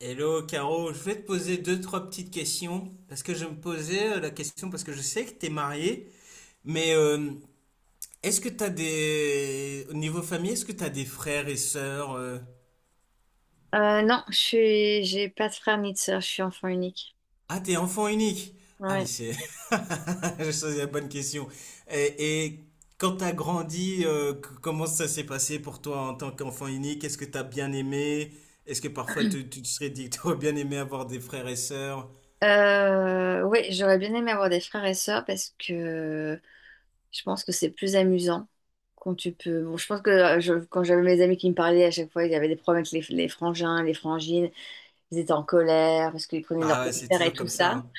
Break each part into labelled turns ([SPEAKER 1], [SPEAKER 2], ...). [SPEAKER 1] Hello Caro, je vais te poser deux, trois petites questions parce que je me posais la question parce que je sais que tu es mariée, mais est-ce que tu as des... Au niveau famille, est-ce que tu as des frères et sœurs?
[SPEAKER 2] Non, j'ai pas de frère ni de sœur, je suis enfant unique.
[SPEAKER 1] Ah, t'es enfant unique. Ah, mais
[SPEAKER 2] Ouais.
[SPEAKER 1] c'est. J'ai choisi la bonne question. Et quand tu as grandi, comment ça s'est passé pour toi en tant qu'enfant unique? Est-ce que tu as bien aimé? Est-ce que parfois tu te serais dit que tu aurais bien aimé avoir des frères et sœurs?
[SPEAKER 2] Ouais, j'aurais bien aimé avoir des frères et sœurs parce que je pense que c'est plus amusant quand tu peux. Bon, je pense que quand j'avais mes amis qui me parlaient à chaque fois, il y avait des problèmes avec les frangins, les frangines, ils étaient en colère parce qu'ils prenaient leur
[SPEAKER 1] Ah ouais, c'est
[SPEAKER 2] père et
[SPEAKER 1] toujours
[SPEAKER 2] tout
[SPEAKER 1] comme ça,
[SPEAKER 2] ça.
[SPEAKER 1] hein.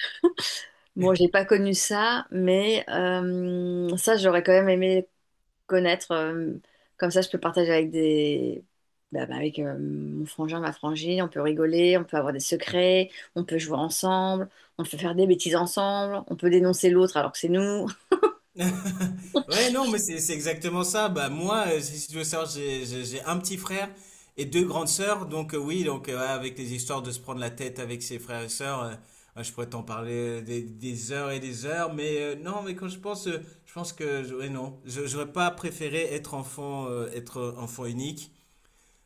[SPEAKER 2] Bon, j'ai pas connu ça, mais ça, j'aurais quand même aimé connaître. Comme ça, je peux partager avec des... bah, bah, avec mon frangin, ma frangine. On peut rigoler, on peut avoir des secrets, on peut jouer ensemble, on peut faire des bêtises ensemble, on peut dénoncer l'autre alors que c'est nous.
[SPEAKER 1] Ouais, non, mais c'est exactement ça. Bah, moi, si tu veux savoir, j'ai un petit frère et deux grandes sœurs. Donc, oui, donc, ouais, avec les histoires de se prendre la tête avec ses frères et sœurs, ouais, je pourrais t'en parler des heures et des heures. Mais non, mais quand je pense que, ouais, non, j'aurais pas préféré être enfant unique.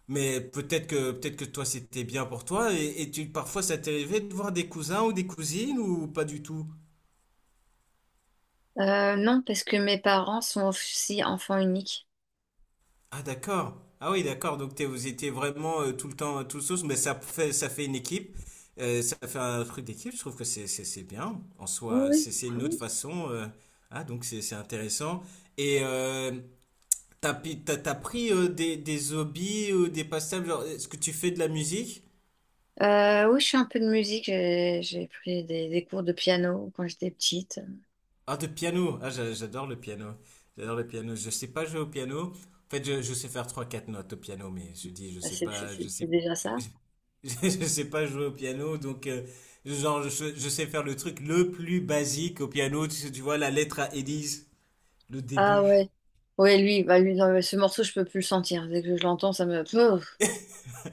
[SPEAKER 1] Mais peut-être que toi, c'était bien pour toi. Et parfois, ça t'est arrivé de voir des cousins ou des cousines ou pas du tout?
[SPEAKER 2] Non, parce que mes parents sont aussi enfants uniques.
[SPEAKER 1] Ah, d'accord. Ah oui, d'accord. Donc vous étiez vraiment tout le temps tout sauce, mais ça fait une équipe. Ça fait un truc d'équipe. Je trouve que c'est bien. En
[SPEAKER 2] Oui,
[SPEAKER 1] soi,
[SPEAKER 2] oui.
[SPEAKER 1] c'est une autre
[SPEAKER 2] Oui.
[SPEAKER 1] façon. Ah donc c'est intéressant. Et t'as pi- t'as t'as pris des hobbies ou des passe-temps. Genre, est-ce que tu fais de la musique?
[SPEAKER 2] Oui, je fais un peu de musique. J'ai pris des cours de piano quand j'étais petite.
[SPEAKER 1] Ah, de piano. Ah, j'adore le piano. J'adore le piano. Je sais pas jouer au piano. En fait, je sais faire trois, quatre notes au piano, mais je dis, je
[SPEAKER 2] Ah,
[SPEAKER 1] sais
[SPEAKER 2] c'est
[SPEAKER 1] pas, je
[SPEAKER 2] c'est
[SPEAKER 1] sais,
[SPEAKER 2] déjà ça.
[SPEAKER 1] je sais pas jouer au piano. Donc, genre, je sais faire le truc le plus basique au piano. Tu vois, la lettre à Élise, le
[SPEAKER 2] Ah
[SPEAKER 1] début.
[SPEAKER 2] ouais. Ouais, lui, bah lui, non, mais ce morceau, je peux plus le sentir. Dès que je l'entends, ça me... Pouf,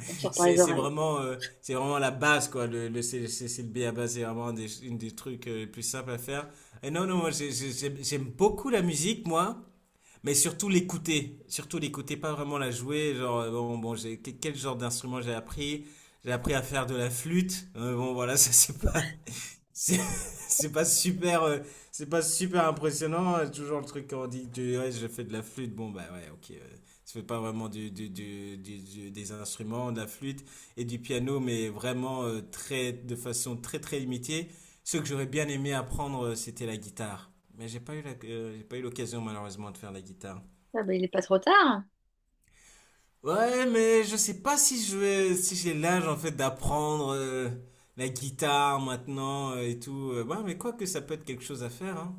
[SPEAKER 2] on sort par
[SPEAKER 1] C'est,
[SPEAKER 2] les
[SPEAKER 1] c'est
[SPEAKER 2] oreilles.
[SPEAKER 1] vraiment, euh, c'est vraiment la base, quoi. Le B à base, c'est vraiment un des, une des trucs les plus simples à faire. Et non, non, moi, j'aime beaucoup la musique, moi. Mais surtout l'écouter, pas vraiment la jouer. Genre, bon, bon, quel genre d'instrument j'ai appris? J'ai appris à faire de la flûte. Bon, voilà, ça c'est pas, c'est, c'est pas super, euh, c'est pas super impressionnant. Toujours le truc quand on dit, que, ouais, je fais de la flûte. Bon, bah ouais, ok. tu fais pas vraiment des instruments, de la flûte et du piano, mais vraiment très, de façon très très limitée. Ce que j'aurais bien aimé apprendre, c'était la guitare. Mais j'ai pas eu l'occasion malheureusement de faire la guitare.
[SPEAKER 2] Ah ben, il n'est pas trop tard.
[SPEAKER 1] Ouais, mais je sais pas si si j'ai l'âge en fait d'apprendre la guitare maintenant et tout. Ouais, mais quoi que ça peut être quelque chose à faire, hein.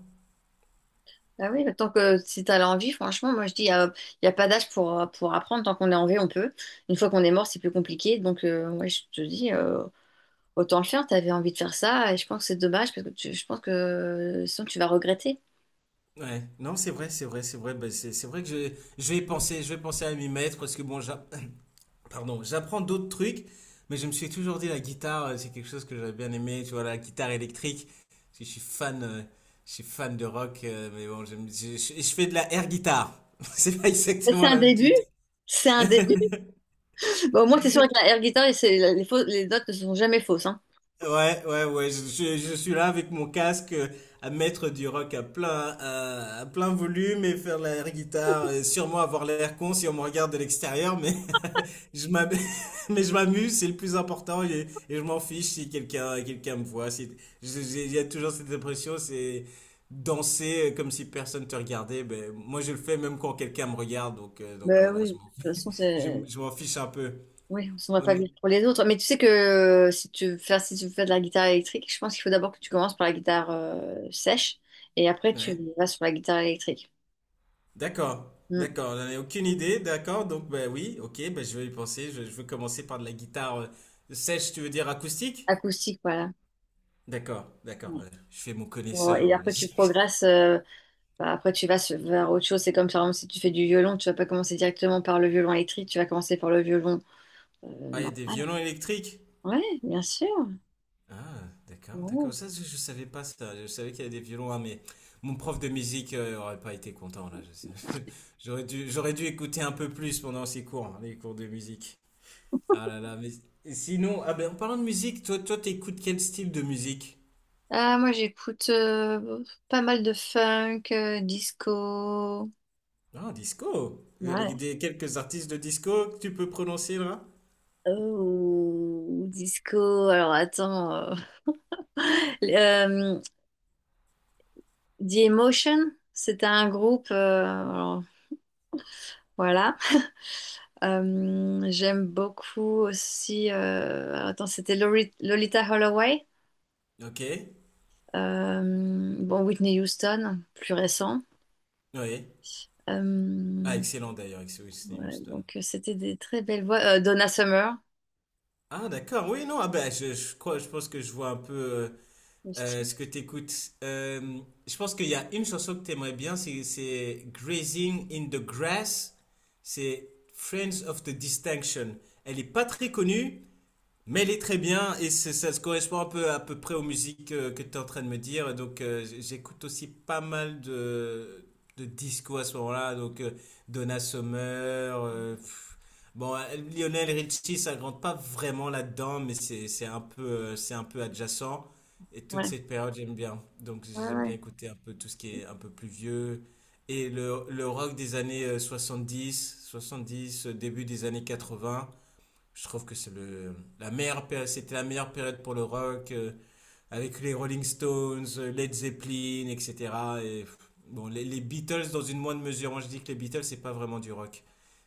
[SPEAKER 2] Ah oui, bah, tant que si t'as l'envie, franchement, moi je dis, il n'y a, y a pas d'âge pour apprendre. Tant qu'on est en vie, on peut. Une fois qu'on est mort, c'est plus compliqué. Donc, ouais, je te dis, autant le faire. T'avais envie de faire ça. Et je pense que c'est dommage parce que je pense que sinon tu vas regretter.
[SPEAKER 1] Ouais, non, c'est vrai, c'est vrai, c'est vrai. Bah, c'est vrai que je vais y penser, je vais penser à m'y mettre parce que bon, pardon, j'apprends d'autres trucs, mais je me suis toujours dit la guitare, c'est quelque chose que j'aurais bien aimé. Tu vois, la guitare électrique, parce que je suis fan de rock, mais bon, je fais de la air guitare. C'est pas
[SPEAKER 2] Ben, c'est
[SPEAKER 1] exactement
[SPEAKER 2] un
[SPEAKER 1] la même chose.
[SPEAKER 2] début. C'est un début. Bon, au moins, t'es sûr avec la air guitar, et les, les notes ne sont jamais fausses. Hein.
[SPEAKER 1] Ouais, ouais, ouais, je suis là avec mon casque à mettre du rock à plein, à plein volume et faire l'air guitare, et sûrement avoir l'air con si on me regarde de l'extérieur, mais je m'am- mais je m'amuse, c'est le plus important et je m'en fiche si quelqu'un me voit. Si, il y a toujours cette impression, c'est danser comme si personne te regardait. Ben, moi, je le fais même quand quelqu'un me regarde, donc
[SPEAKER 2] Ben
[SPEAKER 1] voilà,
[SPEAKER 2] oui, de
[SPEAKER 1] je m'en
[SPEAKER 2] toute façon, c'est.
[SPEAKER 1] je m'en fiche un peu.
[SPEAKER 2] Oui, on s'en va
[SPEAKER 1] On
[SPEAKER 2] pas
[SPEAKER 1] est-
[SPEAKER 2] vite pour les autres. Mais tu sais que si tu veux faire, si tu veux faire de la guitare électrique, je pense qu'il faut d'abord que tu commences par la guitare sèche et après tu
[SPEAKER 1] Ouais.
[SPEAKER 2] vas sur la guitare électrique.
[SPEAKER 1] D'accord,
[SPEAKER 2] Hmm.
[SPEAKER 1] d'accord, j'en ai aucune idée, d'accord, donc ben oui, ok, ben je vais y penser, je veux commencer par de la guitare sèche, tu veux dire acoustique?
[SPEAKER 2] Acoustique, voilà.
[SPEAKER 1] D'accord, d'accord,
[SPEAKER 2] Ouais.
[SPEAKER 1] je fais mon
[SPEAKER 2] Bon, et
[SPEAKER 1] connaisseur.
[SPEAKER 2] après tu progresses, bah, après vers autre chose. C'est comme par exemple si tu fais du violon, tu vas pas commencer directement par le violon électrique, tu vas commencer par le violon
[SPEAKER 1] Ah, il y a des
[SPEAKER 2] normal.
[SPEAKER 1] violons électriques?
[SPEAKER 2] Ouais, bien sûr.
[SPEAKER 1] Ah, d'accord,
[SPEAKER 2] Ouais.
[SPEAKER 1] d'accord, ça je savais pas ça, je savais qu'il y avait des violons, hein, mais mon prof de musique aurait pas été content là, je sais. J'aurais dû écouter un peu plus pendant ces cours, hein, les cours de musique. Ah là là, mais sinon, ah ben en parlant de musique, toi t'écoutes quel style de musique?
[SPEAKER 2] Ah, moi j'écoute pas mal de funk, disco.
[SPEAKER 1] Ah, disco. Vous avez
[SPEAKER 2] Ouais.
[SPEAKER 1] quelques artistes de disco que tu peux prononcer là?
[SPEAKER 2] Oh, disco. Alors attends. Euh, The Emotion, c'était un groupe. Alors, voilà. J'aime beaucoup aussi. Alors, attends, c'était Lolita Holloway.
[SPEAKER 1] Ok.
[SPEAKER 2] Euh, bon, Whitney Houston, plus récent.
[SPEAKER 1] Oui. Ah,
[SPEAKER 2] Euh,
[SPEAKER 1] excellent d'ailleurs, avec Whitney
[SPEAKER 2] ouais,
[SPEAKER 1] Houston.
[SPEAKER 2] donc c'était des très belles voix. Donna Summer
[SPEAKER 1] Ah, d'accord. Oui, non. Ah, ben, je crois, je pense que je vois un peu
[SPEAKER 2] aussi.
[SPEAKER 1] ce que tu écoutes. Je pense qu'il y a une chanson que tu aimerais bien, c'est Grazing in the Grass. C'est Friends of the Distinction. Elle est pas très connue, mais elle est très bien et ça se correspond un peu à peu près aux musiques que tu es en train de me dire. Donc j'écoute aussi pas mal de disco à ce moment-là. Donc Donna Summer. Pff. Bon, Lionel Richie, ça rentre pas vraiment là-dedans, mais c'est un peu adjacent. Et toute
[SPEAKER 2] Ouais.
[SPEAKER 1] cette période, j'aime bien. Donc
[SPEAKER 2] Ouais,
[SPEAKER 1] j'aime bien
[SPEAKER 2] ouais.
[SPEAKER 1] écouter un peu tout ce qui est un peu plus vieux. Et le rock des années 70, 70, début des années 80, je trouve que c'est le la meilleure période, c'était la meilleure période pour le rock avec les Rolling Stones, Led Zeppelin, etc. Et pff, bon, les Beatles dans une moindre mesure. Moi, je dis que les Beatles c'est pas vraiment du rock,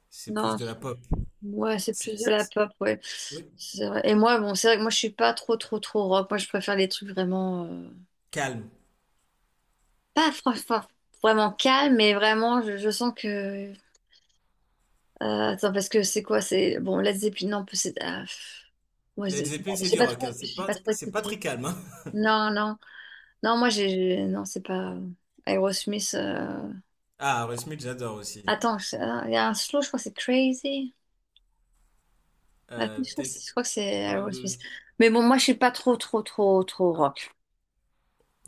[SPEAKER 1] c'est plus
[SPEAKER 2] Non,
[SPEAKER 1] de la pop.
[SPEAKER 2] ouais, c'est
[SPEAKER 1] C'est-
[SPEAKER 2] plus de
[SPEAKER 1] c'est-
[SPEAKER 2] la
[SPEAKER 1] c'est-
[SPEAKER 2] pop, ouais.
[SPEAKER 1] oui,
[SPEAKER 2] C'est vrai. Et moi, bon, c'est vrai que moi, je suis pas trop, trop, trop rock. Moi, je préfère les trucs vraiment...
[SPEAKER 1] calme.
[SPEAKER 2] pas franchement vraiment calme, mais vraiment, je sens que... Attends, parce que c'est quoi? C'est... Bon, Led Zeppelin, non, c'est... ah, pff. Ouais,
[SPEAKER 1] Led Zeppelin c'est du rock, hein. C'est
[SPEAKER 2] j'ai
[SPEAKER 1] pas
[SPEAKER 2] pas trop
[SPEAKER 1] c'est pas
[SPEAKER 2] écouté.
[SPEAKER 1] très calme. Hein.
[SPEAKER 2] Non, non. Non, moi, non, c'est pas... Aerosmith...
[SPEAKER 1] Ah, Aerosmith j'adore aussi.
[SPEAKER 2] Attends, ah, il y a un slow, je crois que c'est Crazy. Ah,
[SPEAKER 1] Euh, peut-être
[SPEAKER 2] Je crois que c'est
[SPEAKER 1] tu parles
[SPEAKER 2] Aerosmith.
[SPEAKER 1] de.
[SPEAKER 2] Mais bon, moi, je suis pas trop, trop, trop, trop rock.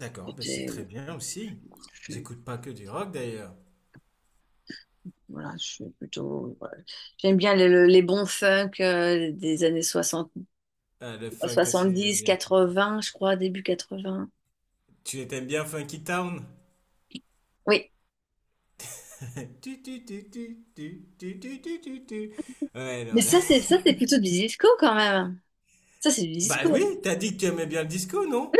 [SPEAKER 1] D'accord, ben c'est très bien aussi.
[SPEAKER 2] Je,
[SPEAKER 1] J'écoute pas que du rock d'ailleurs.
[SPEAKER 2] voilà, je suis plutôt. Voilà. J'aime bien les bons funk des années 60
[SPEAKER 1] Ah, le funk aussi j'aime
[SPEAKER 2] 70
[SPEAKER 1] bien.
[SPEAKER 2] 80 je crois, début 80.
[SPEAKER 1] Tu t'aimes bien Funky Town?
[SPEAKER 2] Oui.
[SPEAKER 1] Tu, tu, tu, tu, tu, tu, tu, tu, tu, tu. Ouais, non,
[SPEAKER 2] Mais
[SPEAKER 1] là.
[SPEAKER 2] ça, c'est plutôt du disco quand même. Ça, c'est du
[SPEAKER 1] Bah oui,
[SPEAKER 2] disco.
[SPEAKER 1] t'as dit que tu aimais bien le disco, non?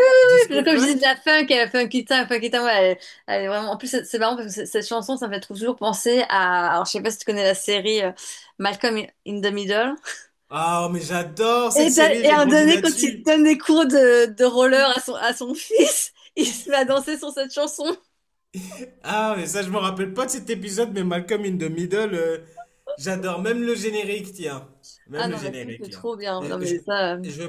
[SPEAKER 2] Oui,
[SPEAKER 1] Disco
[SPEAKER 2] comme je disais,
[SPEAKER 1] funk?
[SPEAKER 2] de la funk, funky town, ouais, elle, elle est vraiment. En plus, c'est marrant parce que cette chanson, ça me fait toujours penser à. Alors, je sais pas si tu connais la série Malcolm in the Middle.
[SPEAKER 1] Ah, mais j'adore
[SPEAKER 2] Et,
[SPEAKER 1] cette
[SPEAKER 2] ben,
[SPEAKER 1] série,
[SPEAKER 2] et
[SPEAKER 1] j'ai
[SPEAKER 2] à un
[SPEAKER 1] grandi
[SPEAKER 2] donné, quand il
[SPEAKER 1] là-dessus.
[SPEAKER 2] donne des cours de roller à à son fils, il se met à danser sur cette chanson.
[SPEAKER 1] Ah, mais ça, je me rappelle pas de cet épisode, mais Malcolm in the Middle, j'adore. Même le générique, tiens.
[SPEAKER 2] Ah
[SPEAKER 1] Même le
[SPEAKER 2] non, mais tout c'est
[SPEAKER 1] générique, là.
[SPEAKER 2] trop bien.
[SPEAKER 1] Je,
[SPEAKER 2] Non,
[SPEAKER 1] je,
[SPEAKER 2] mais ça.
[SPEAKER 1] je,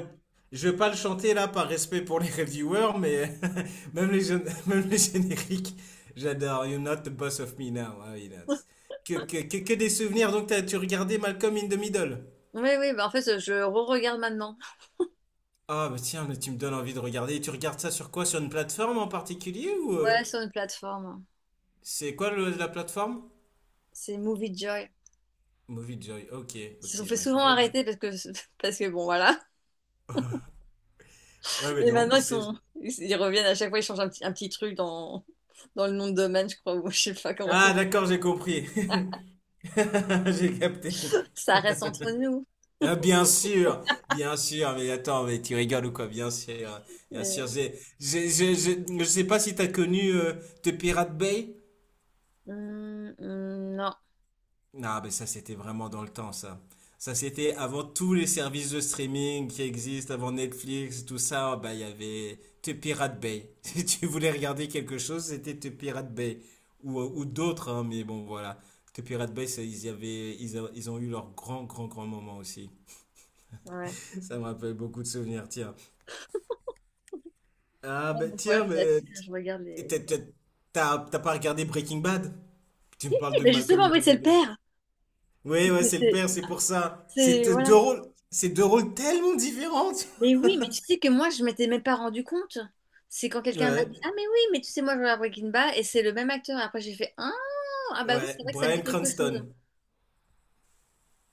[SPEAKER 1] je vais pas le chanter, là, par respect pour les reviewers, mais même les génériques, j'adore. You're not the boss of me now. Ah oui, là. Que des souvenirs. Donc, tu regardais Malcolm in the Middle?
[SPEAKER 2] Oui, oui, bah en fait, je re-regarde maintenant.
[SPEAKER 1] Ah, bah tiens, mais tu me donnes envie de regarder. Et tu regardes ça sur quoi? Sur une plateforme en particulier ou...
[SPEAKER 2] Ouais,
[SPEAKER 1] euh,
[SPEAKER 2] sur une plateforme.
[SPEAKER 1] c'est quoi la plateforme?
[SPEAKER 2] C'est Movie Joy.
[SPEAKER 1] Movie Joy. Ok,
[SPEAKER 2] Ils se sont
[SPEAKER 1] ok.
[SPEAKER 2] fait
[SPEAKER 1] Bah, il
[SPEAKER 2] souvent
[SPEAKER 1] faudrait que
[SPEAKER 2] arrêter parce que, parce que bon, voilà.
[SPEAKER 1] Ouais, mais
[SPEAKER 2] Mais
[SPEAKER 1] non,
[SPEAKER 2] maintenant,
[SPEAKER 1] mais
[SPEAKER 2] ils
[SPEAKER 1] c'est.
[SPEAKER 2] sont... ils reviennent à chaque fois, ils changent un petit truc dans... dans le nom de domaine, je crois, ou je sais pas comment ça.
[SPEAKER 1] Ah, d'accord, j'ai compris. J'ai capté.
[SPEAKER 2] Ça reste entre nous.
[SPEAKER 1] Ah, bien sûr, mais attends, mais tu rigoles ou quoi? Bien sûr, bien sûr.
[SPEAKER 2] Mais...
[SPEAKER 1] Je sais pas si t'as connu The Pirate Bay.
[SPEAKER 2] Non,
[SPEAKER 1] Ah, ben ça, c'était vraiment dans le temps, ça. Ça, c'était avant tous les services de streaming qui existent, avant Netflix, tout ça. Bah, il y avait The Pirate Bay. Si tu voulais regarder quelque chose, c'était The Pirate Bay. Ou d'autres, hein, mais bon, voilà. The Pirate Bay, ça, ils y avaient, ils, a- ils ont eu leur grand, grand, grand moment aussi.
[SPEAKER 2] ouais.
[SPEAKER 1] Ça me rappelle beaucoup de souvenirs, tiens. Ah,
[SPEAKER 2] Ouais,
[SPEAKER 1] ben,
[SPEAKER 2] donc voilà,
[SPEAKER 1] tiens,
[SPEAKER 2] c'est
[SPEAKER 1] mais.
[SPEAKER 2] là-dessus que je regarde
[SPEAKER 1] t- t'as
[SPEAKER 2] les.
[SPEAKER 1] t'as- t'as pas regardé Breaking Bad? Tu me parles
[SPEAKER 2] Eh
[SPEAKER 1] de
[SPEAKER 2] ben
[SPEAKER 1] Malcolm
[SPEAKER 2] justement,
[SPEAKER 1] in the
[SPEAKER 2] oui, c'est le
[SPEAKER 1] Middle.
[SPEAKER 2] père. C'est,
[SPEAKER 1] Oui, ouais,
[SPEAKER 2] c'est,
[SPEAKER 1] c'est le
[SPEAKER 2] c'est-
[SPEAKER 1] père, c'est pour ça. C'est
[SPEAKER 2] c'est- voilà.
[SPEAKER 1] deux rôles tellement différents. tu
[SPEAKER 2] Mais oui, mais tu sais que moi, je m'étais même pas rendu compte. C'est quand
[SPEAKER 1] vois.
[SPEAKER 2] quelqu'un m'a
[SPEAKER 1] Ouais,
[SPEAKER 2] dit, ah, mais oui, mais tu sais, moi, je regarde Breaking Bad et c'est le même acteur. Après, j'ai fait, ah, ah bah oui,
[SPEAKER 1] ouais,
[SPEAKER 2] c'est vrai que ça me dit
[SPEAKER 1] Bryan
[SPEAKER 2] quelque chose.
[SPEAKER 1] Cranston.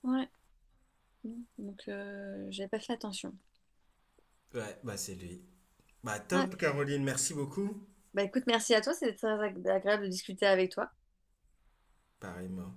[SPEAKER 2] Ouais. Donc, j'avais pas fait attention.
[SPEAKER 1] Ouais, bah c'est lui. Bah
[SPEAKER 2] Ouais.
[SPEAKER 1] top, Caroline, merci beaucoup.
[SPEAKER 2] Bah écoute, merci à toi, c'était très agréable de discuter avec toi.
[SPEAKER 1] Pareillement.